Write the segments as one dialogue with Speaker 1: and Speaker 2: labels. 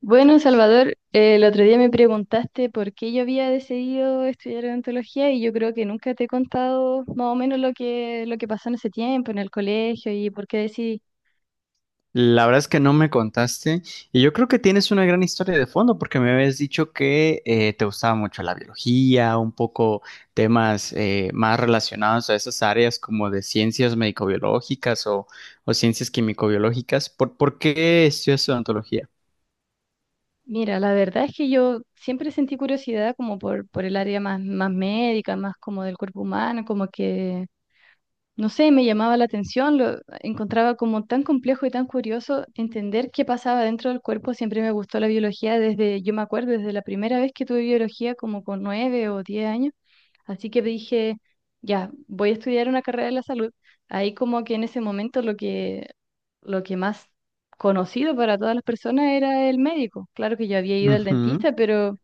Speaker 1: Bueno, Salvador, el otro día me preguntaste por qué yo había decidido estudiar odontología y yo creo que nunca te he contado más o menos lo que pasó en ese tiempo, en el colegio y por qué decidí.
Speaker 2: La verdad es que no me contaste y yo creo que tienes una gran historia de fondo porque me habías dicho que te gustaba mucho la biología, un poco temas más relacionados a esas áreas como de ciencias médico-biológicas o ciencias químico-biológicas. ¿Por qué estudias odontología?
Speaker 1: Mira, la verdad es que yo siempre sentí curiosidad como por el área más médica, más como del cuerpo humano, como que no sé, me llamaba la atención, lo encontraba como tan complejo y tan curioso entender qué pasaba dentro del cuerpo. Siempre me gustó la biología desde, yo me acuerdo, desde la primera vez que tuve biología, como con 9 o 10 años. Así que dije, ya, voy a estudiar una carrera de la salud. Ahí como que en ese momento lo que más conocido para todas las personas era el médico. Claro que yo había ido al
Speaker 2: Ujú.
Speaker 1: dentista, pero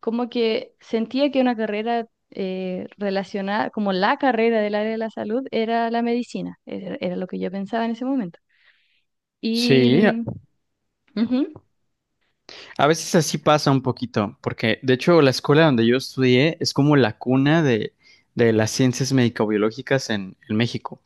Speaker 1: como que sentía que una carrera relacionada, como la carrera del área de la salud, era la medicina, era lo que yo pensaba en ese momento. Y,
Speaker 2: Sí.
Speaker 1: mm. Ujú.
Speaker 2: A veces así pasa un poquito, porque de hecho la escuela donde yo estudié es como la cuna de las ciencias médico-biológicas en México,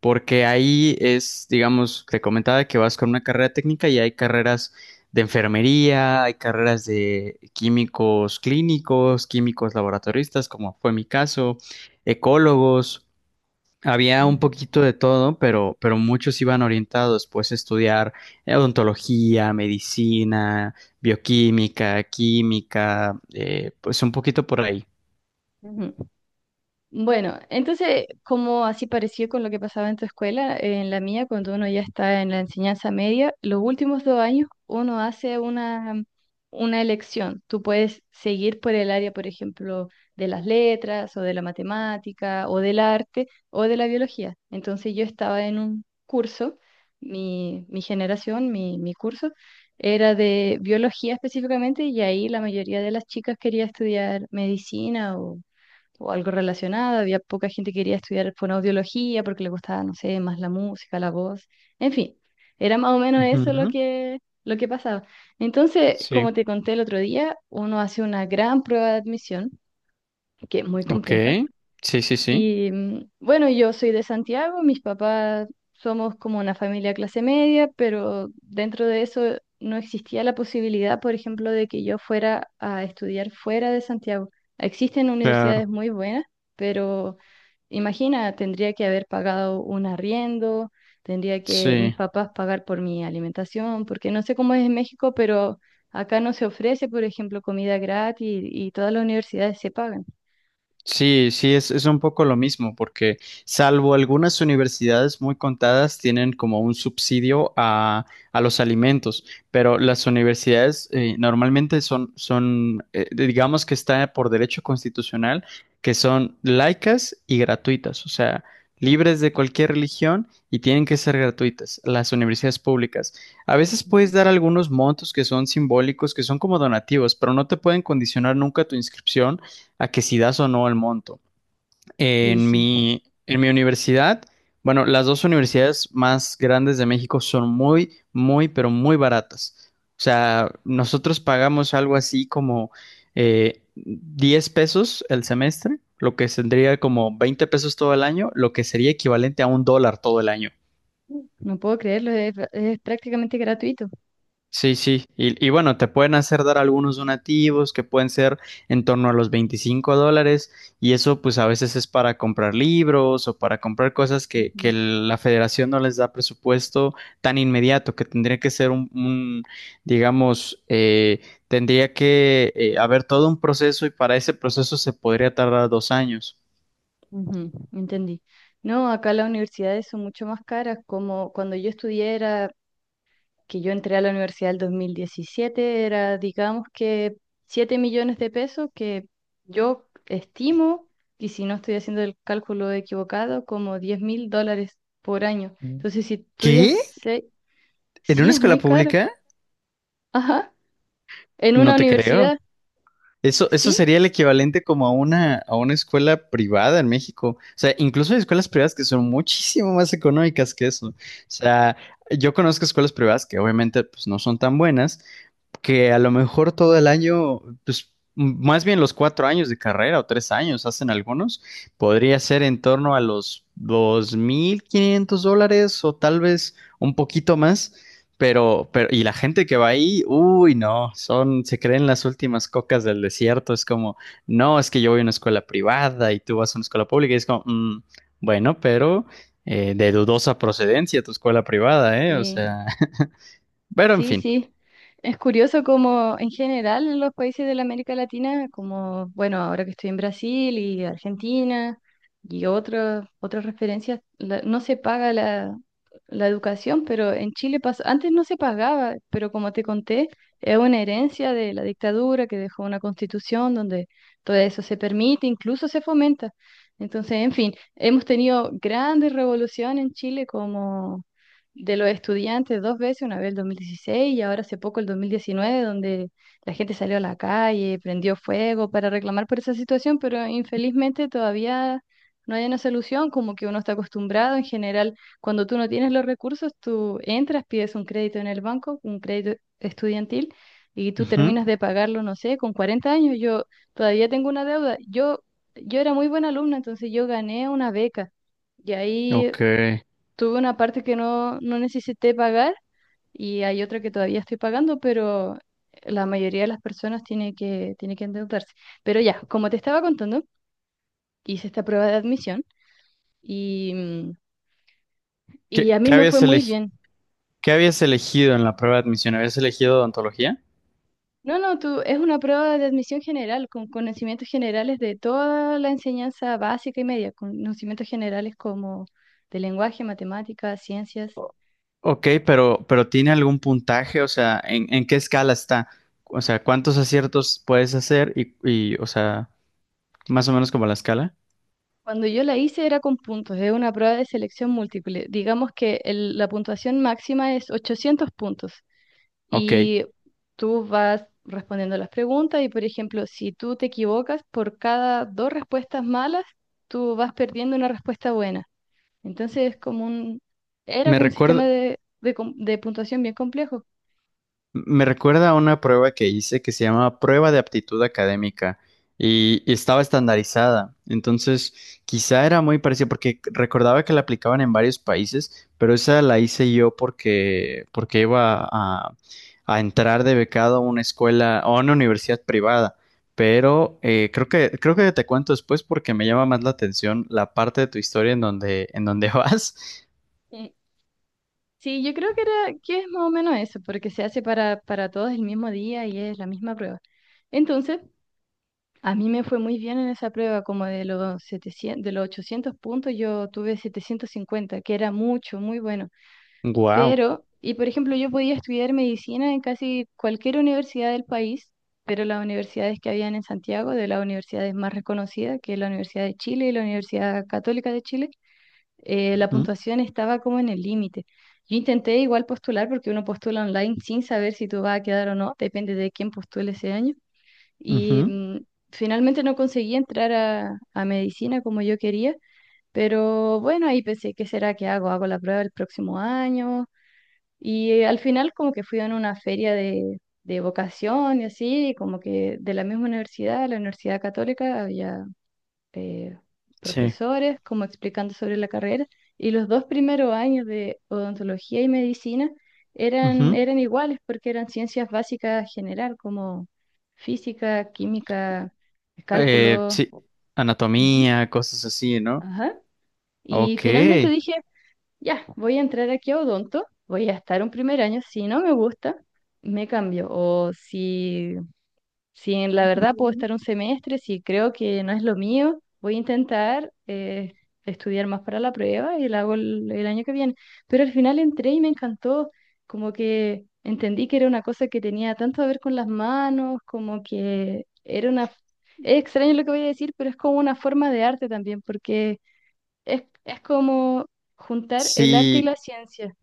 Speaker 2: porque ahí es, digamos, te comentaba que vas con una carrera técnica y hay carreras de enfermería, hay carreras de químicos clínicos, químicos laboratoristas, como fue mi caso, ecólogos. Había un
Speaker 1: Ujú.
Speaker 2: poquito de todo, pero muchos iban orientados pues a estudiar odontología, medicina, bioquímica, química, pues un poquito por ahí.
Speaker 1: Ujú. Bueno, entonces, como así pareció con lo que pasaba en tu escuela, en la mía, cuando uno ya está en la enseñanza media, los últimos dos años uno hace una elección. Tú puedes seguir por el área, por ejemplo, de las letras o de la matemática o del arte o de la biología. Entonces yo estaba en un curso, mi generación, mi curso, era de biología específicamente y ahí la mayoría de las chicas quería estudiar medicina o algo relacionado. Había poca gente que quería estudiar fonoaudiología porque le gustaba, no sé, más la música, la voz. En fin, era más o menos eso
Speaker 2: Ujú.
Speaker 1: lo que pasaba. Entonces,
Speaker 2: Sí.
Speaker 1: como te conté el otro día, uno hace una gran prueba de admisión, que es muy
Speaker 2: Ok.
Speaker 1: compleja.
Speaker 2: Sí, sí, sí.
Speaker 1: Y bueno, yo soy de Santiago, mis papás somos como una familia clase media, pero dentro de eso no existía la posibilidad, por ejemplo, de que yo fuera a estudiar fuera de Santiago. Existen
Speaker 2: Claro.
Speaker 1: universidades muy buenas, pero imagina, tendría que haber pagado un arriendo, tendría que mis
Speaker 2: Sí.
Speaker 1: papás pagar por mi alimentación, porque no sé cómo es en México, pero acá no se ofrece, por ejemplo, comida gratis y todas las universidades se pagan.
Speaker 2: Sí, sí, es un poco lo mismo, porque salvo algunas universidades muy contadas tienen como un subsidio a los alimentos, pero las universidades normalmente son digamos que está por derecho constitucional, que son laicas y gratuitas, o sea,
Speaker 1: Mm.
Speaker 2: libres de cualquier religión y tienen que ser gratuitas, las universidades públicas. A veces puedes
Speaker 1: Ujú.
Speaker 2: dar algunos montos que son simbólicos, que son como donativos, pero no te pueden condicionar nunca tu inscripción a que si das o no el monto.
Speaker 1: Y
Speaker 2: En
Speaker 1: sí,
Speaker 2: mi, en mi universidad, bueno, las dos universidades más grandes de México son muy, muy, pero muy baratas. O sea, nosotros pagamos algo así como 10 pesos el semestre, lo que tendría como 20 pesos todo el año, lo que sería equivalente a 1 dólar todo el año.
Speaker 1: no puedo creerlo, es prácticamente gratuito.
Speaker 2: Sí, sí. Y bueno, te pueden hacer dar algunos donativos que pueden ser en torno a los 25 dólares y eso pues a veces es para comprar libros o para comprar cosas que
Speaker 1: Ujú.
Speaker 2: la federación no les da presupuesto tan inmediato, que tendría que ser un, digamos, tendría que haber todo un proceso y para ese proceso se podría tardar 2 años.
Speaker 1: Ujú, entendí. No, acá las universidades son mucho más caras, como cuando yo estudié era que yo entré a la universidad el 2017, era, digamos que 7 millones de pesos que yo estimo, y si no estoy haciendo el cálculo equivocado, como 10.000 dólares por año. Entonces, si estudias,
Speaker 2: ¿Qué? ¿En
Speaker 1: sí,
Speaker 2: una
Speaker 1: es
Speaker 2: escuela
Speaker 1: muy caro.
Speaker 2: pública?
Speaker 1: Ajá, en una
Speaker 2: No te creo.
Speaker 1: universidad.
Speaker 2: Eso
Speaker 1: Sí,
Speaker 2: sería el equivalente como a una escuela privada en México. O sea, incluso hay escuelas privadas que son muchísimo más económicas que eso. O sea, yo conozco escuelas privadas que obviamente pues, no son tan buenas, que a lo mejor todo el año, pues más bien los 4 años de carrera o 3 años hacen algunos, podría ser en torno a los 2500 dólares o tal vez un poquito más, pero, y la gente que va ahí, uy, no, son, se creen las últimas cocas del desierto, es como, no, es que yo voy a una escuela privada y tú vas a una escuela pública, y es como, "Mm, bueno, pero de dudosa procedencia tu escuela privada, ¿eh? O
Speaker 1: sí.
Speaker 2: sea, pero en
Speaker 1: Sí,
Speaker 2: fin.
Speaker 1: sí. Es curioso como en general en los países de la América Latina, como, bueno, ahora que estoy en Brasil y Argentina y otras referencias, no se paga la educación, pero en Chile pasó, antes no se pagaba, pero como te conté, es una herencia de la dictadura que dejó una constitución donde todo eso se permite, incluso se fomenta. Entonces, en fin, hemos tenido grandes revoluciones en Chile como de los estudiantes dos veces, una vez el 2016 y ahora hace poco el 2019, donde la gente salió a la calle, prendió fuego para reclamar por esa situación, pero infelizmente todavía no hay una solución, como que uno está acostumbrado en general, cuando tú no tienes los recursos, tú entras, pides un crédito en el banco, un crédito estudiantil. Y tú
Speaker 2: Ujú.
Speaker 1: terminas de pagarlo, no sé, con 40 años. Yo todavía tengo una deuda. Yo era muy buena alumna, entonces yo gané una beca. Y ahí
Speaker 2: Ok.
Speaker 1: tuve una parte que no, no necesité pagar y hay otra que todavía estoy pagando, pero la mayoría de las personas tiene que endeudarse. Pero ya, como te estaba contando, hice esta prueba de admisión y, mm, y
Speaker 2: ¿Qué,
Speaker 1: a mí
Speaker 2: qué
Speaker 1: me fue
Speaker 2: habías
Speaker 1: muy
Speaker 2: elegi-
Speaker 1: bien.
Speaker 2: qué habías elegido en la prueba de admisión? ¿Habías elegido odontología?
Speaker 1: No, no, tú, es una prueba de admisión general, con conocimientos generales de toda la enseñanza básica y media, con conocimientos generales como de lenguaje, matemáticas, ciencias.
Speaker 2: Ok, pero ¿tiene algún puntaje? O sea, ¿en qué escala está? O sea, ¿cuántos aciertos puedes hacer? O sea, más o menos como la escala.
Speaker 1: Cuando yo la hice era con puntos, es una prueba de selección múltiple. Digamos que la puntuación máxima es 800 puntos
Speaker 2: Ok.
Speaker 1: y tú vas respondiendo las preguntas y, por ejemplo, si tú te equivocas por cada dos respuestas malas, tú vas perdiendo una respuesta buena. Entonces es como un, era
Speaker 2: Me
Speaker 1: como un sistema
Speaker 2: recuerda,
Speaker 1: de puntuación bien complejo.
Speaker 2: Me recuerda a una prueba que hice que se llama prueba de aptitud académica y estaba estandarizada. Entonces, quizá era muy parecida porque recordaba que la aplicaban en varios países, pero esa la hice yo porque iba a entrar de becado a una escuela o a una universidad privada. Pero creo que te cuento después porque me llama más la atención la parte de tu historia en donde vas.
Speaker 1: Y sí, yo creo que es más o menos eso, porque se hace para todos el mismo día y es la misma prueba. Entonces... A mí me fue muy bien en esa prueba, como de los 700, de los 800 puntos yo tuve 750, que era mucho, muy bueno.
Speaker 2: Wow.
Speaker 1: Pero, y por ejemplo, yo podía estudiar medicina en casi cualquier universidad del país, pero las universidades que habían en Santiago, de las universidades más reconocidas, que es la Universidad de Chile y la Universidad Católica de Chile, la puntuación estaba como en el límite. Yo intenté igual postular porque uno postula online sin saber si tú vas a quedar o no, depende de quién postule ese año y finalmente no conseguí entrar a medicina como yo quería, pero bueno, ahí pensé, ¿qué será que hago? ¿Hago la prueba el próximo año? Y al final como que fui a una feria de vocación y así, como que de la misma universidad, la Universidad Católica, había eh,
Speaker 2: Sí.
Speaker 1: profesores como explicando sobre la carrera y los dos primeros años de odontología y medicina eran iguales porque eran ciencias básicas general como física, química,
Speaker 2: Eh,
Speaker 1: cálculo.
Speaker 2: sí,
Speaker 1: Ujú.
Speaker 2: anatomía, cosas así, ¿no?
Speaker 1: Ajá. Y
Speaker 2: Ok.
Speaker 1: finalmente dije, ya, voy a entrar aquí a odonto, voy a estar un primer año, si no me gusta, me cambio. O si si en la verdad puedo
Speaker 2: Ujú.
Speaker 1: estar un semestre, si creo que no es lo mío, voy a intentar estudiar más para la prueba y la hago el año que viene. Pero al final entré y me encantó, como que entendí que era una cosa que tenía tanto que ver con las manos, como que era una. Es extraño lo que voy a decir, pero es como una forma de arte también, porque es como juntar el arte y
Speaker 2: Sí,
Speaker 1: la ciencia.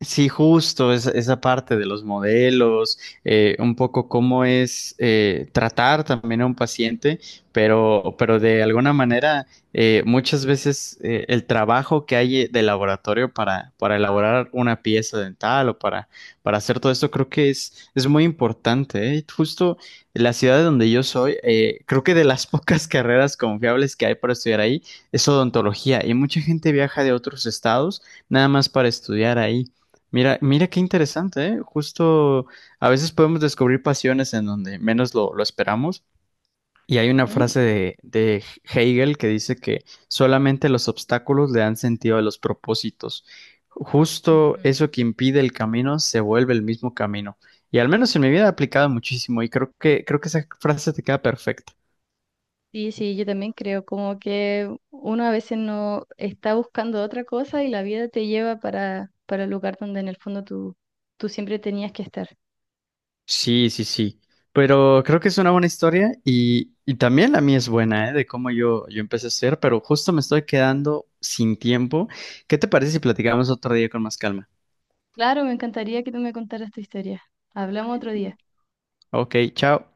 Speaker 2: sí, justo, esa parte de los modelos, un poco cómo es tratar también a un paciente, pero de alguna manera muchas veces el trabajo que hay de laboratorio para elaborar una pieza dental o para hacer todo esto creo que es muy importante, ¿eh? Justo la ciudad de donde yo soy, creo que de las pocas carreras confiables que hay para estudiar ahí es odontología y mucha gente viaja de otros estados nada más para estudiar ahí. Mira, mira qué interesante, ¿eh? Justo a veces podemos descubrir pasiones en donde menos lo esperamos. Y hay una
Speaker 1: Ujú.
Speaker 2: frase de Hegel que dice que solamente los obstáculos le dan sentido a los propósitos. Justo
Speaker 1: Ujú.
Speaker 2: eso que impide el camino se vuelve el mismo camino. Y al menos en mi vida ha aplicado muchísimo y creo que esa frase te queda perfecta.
Speaker 1: Sí, sí, yo también creo como que uno a veces no está buscando otra cosa y la vida te lleva para el lugar donde en el fondo tú, siempre tenías que estar.
Speaker 2: Sí, sí, sí. Pero creo que es una buena historia y también la mía es buena, ¿eh? De cómo yo empecé a ser, pero justo me estoy quedando sin tiempo. ¿Qué te parece si platicamos otro día con más calma?
Speaker 1: Claro, me encantaría que tú me contaras tu historia. Hablamos otro día.
Speaker 2: Ok, chao.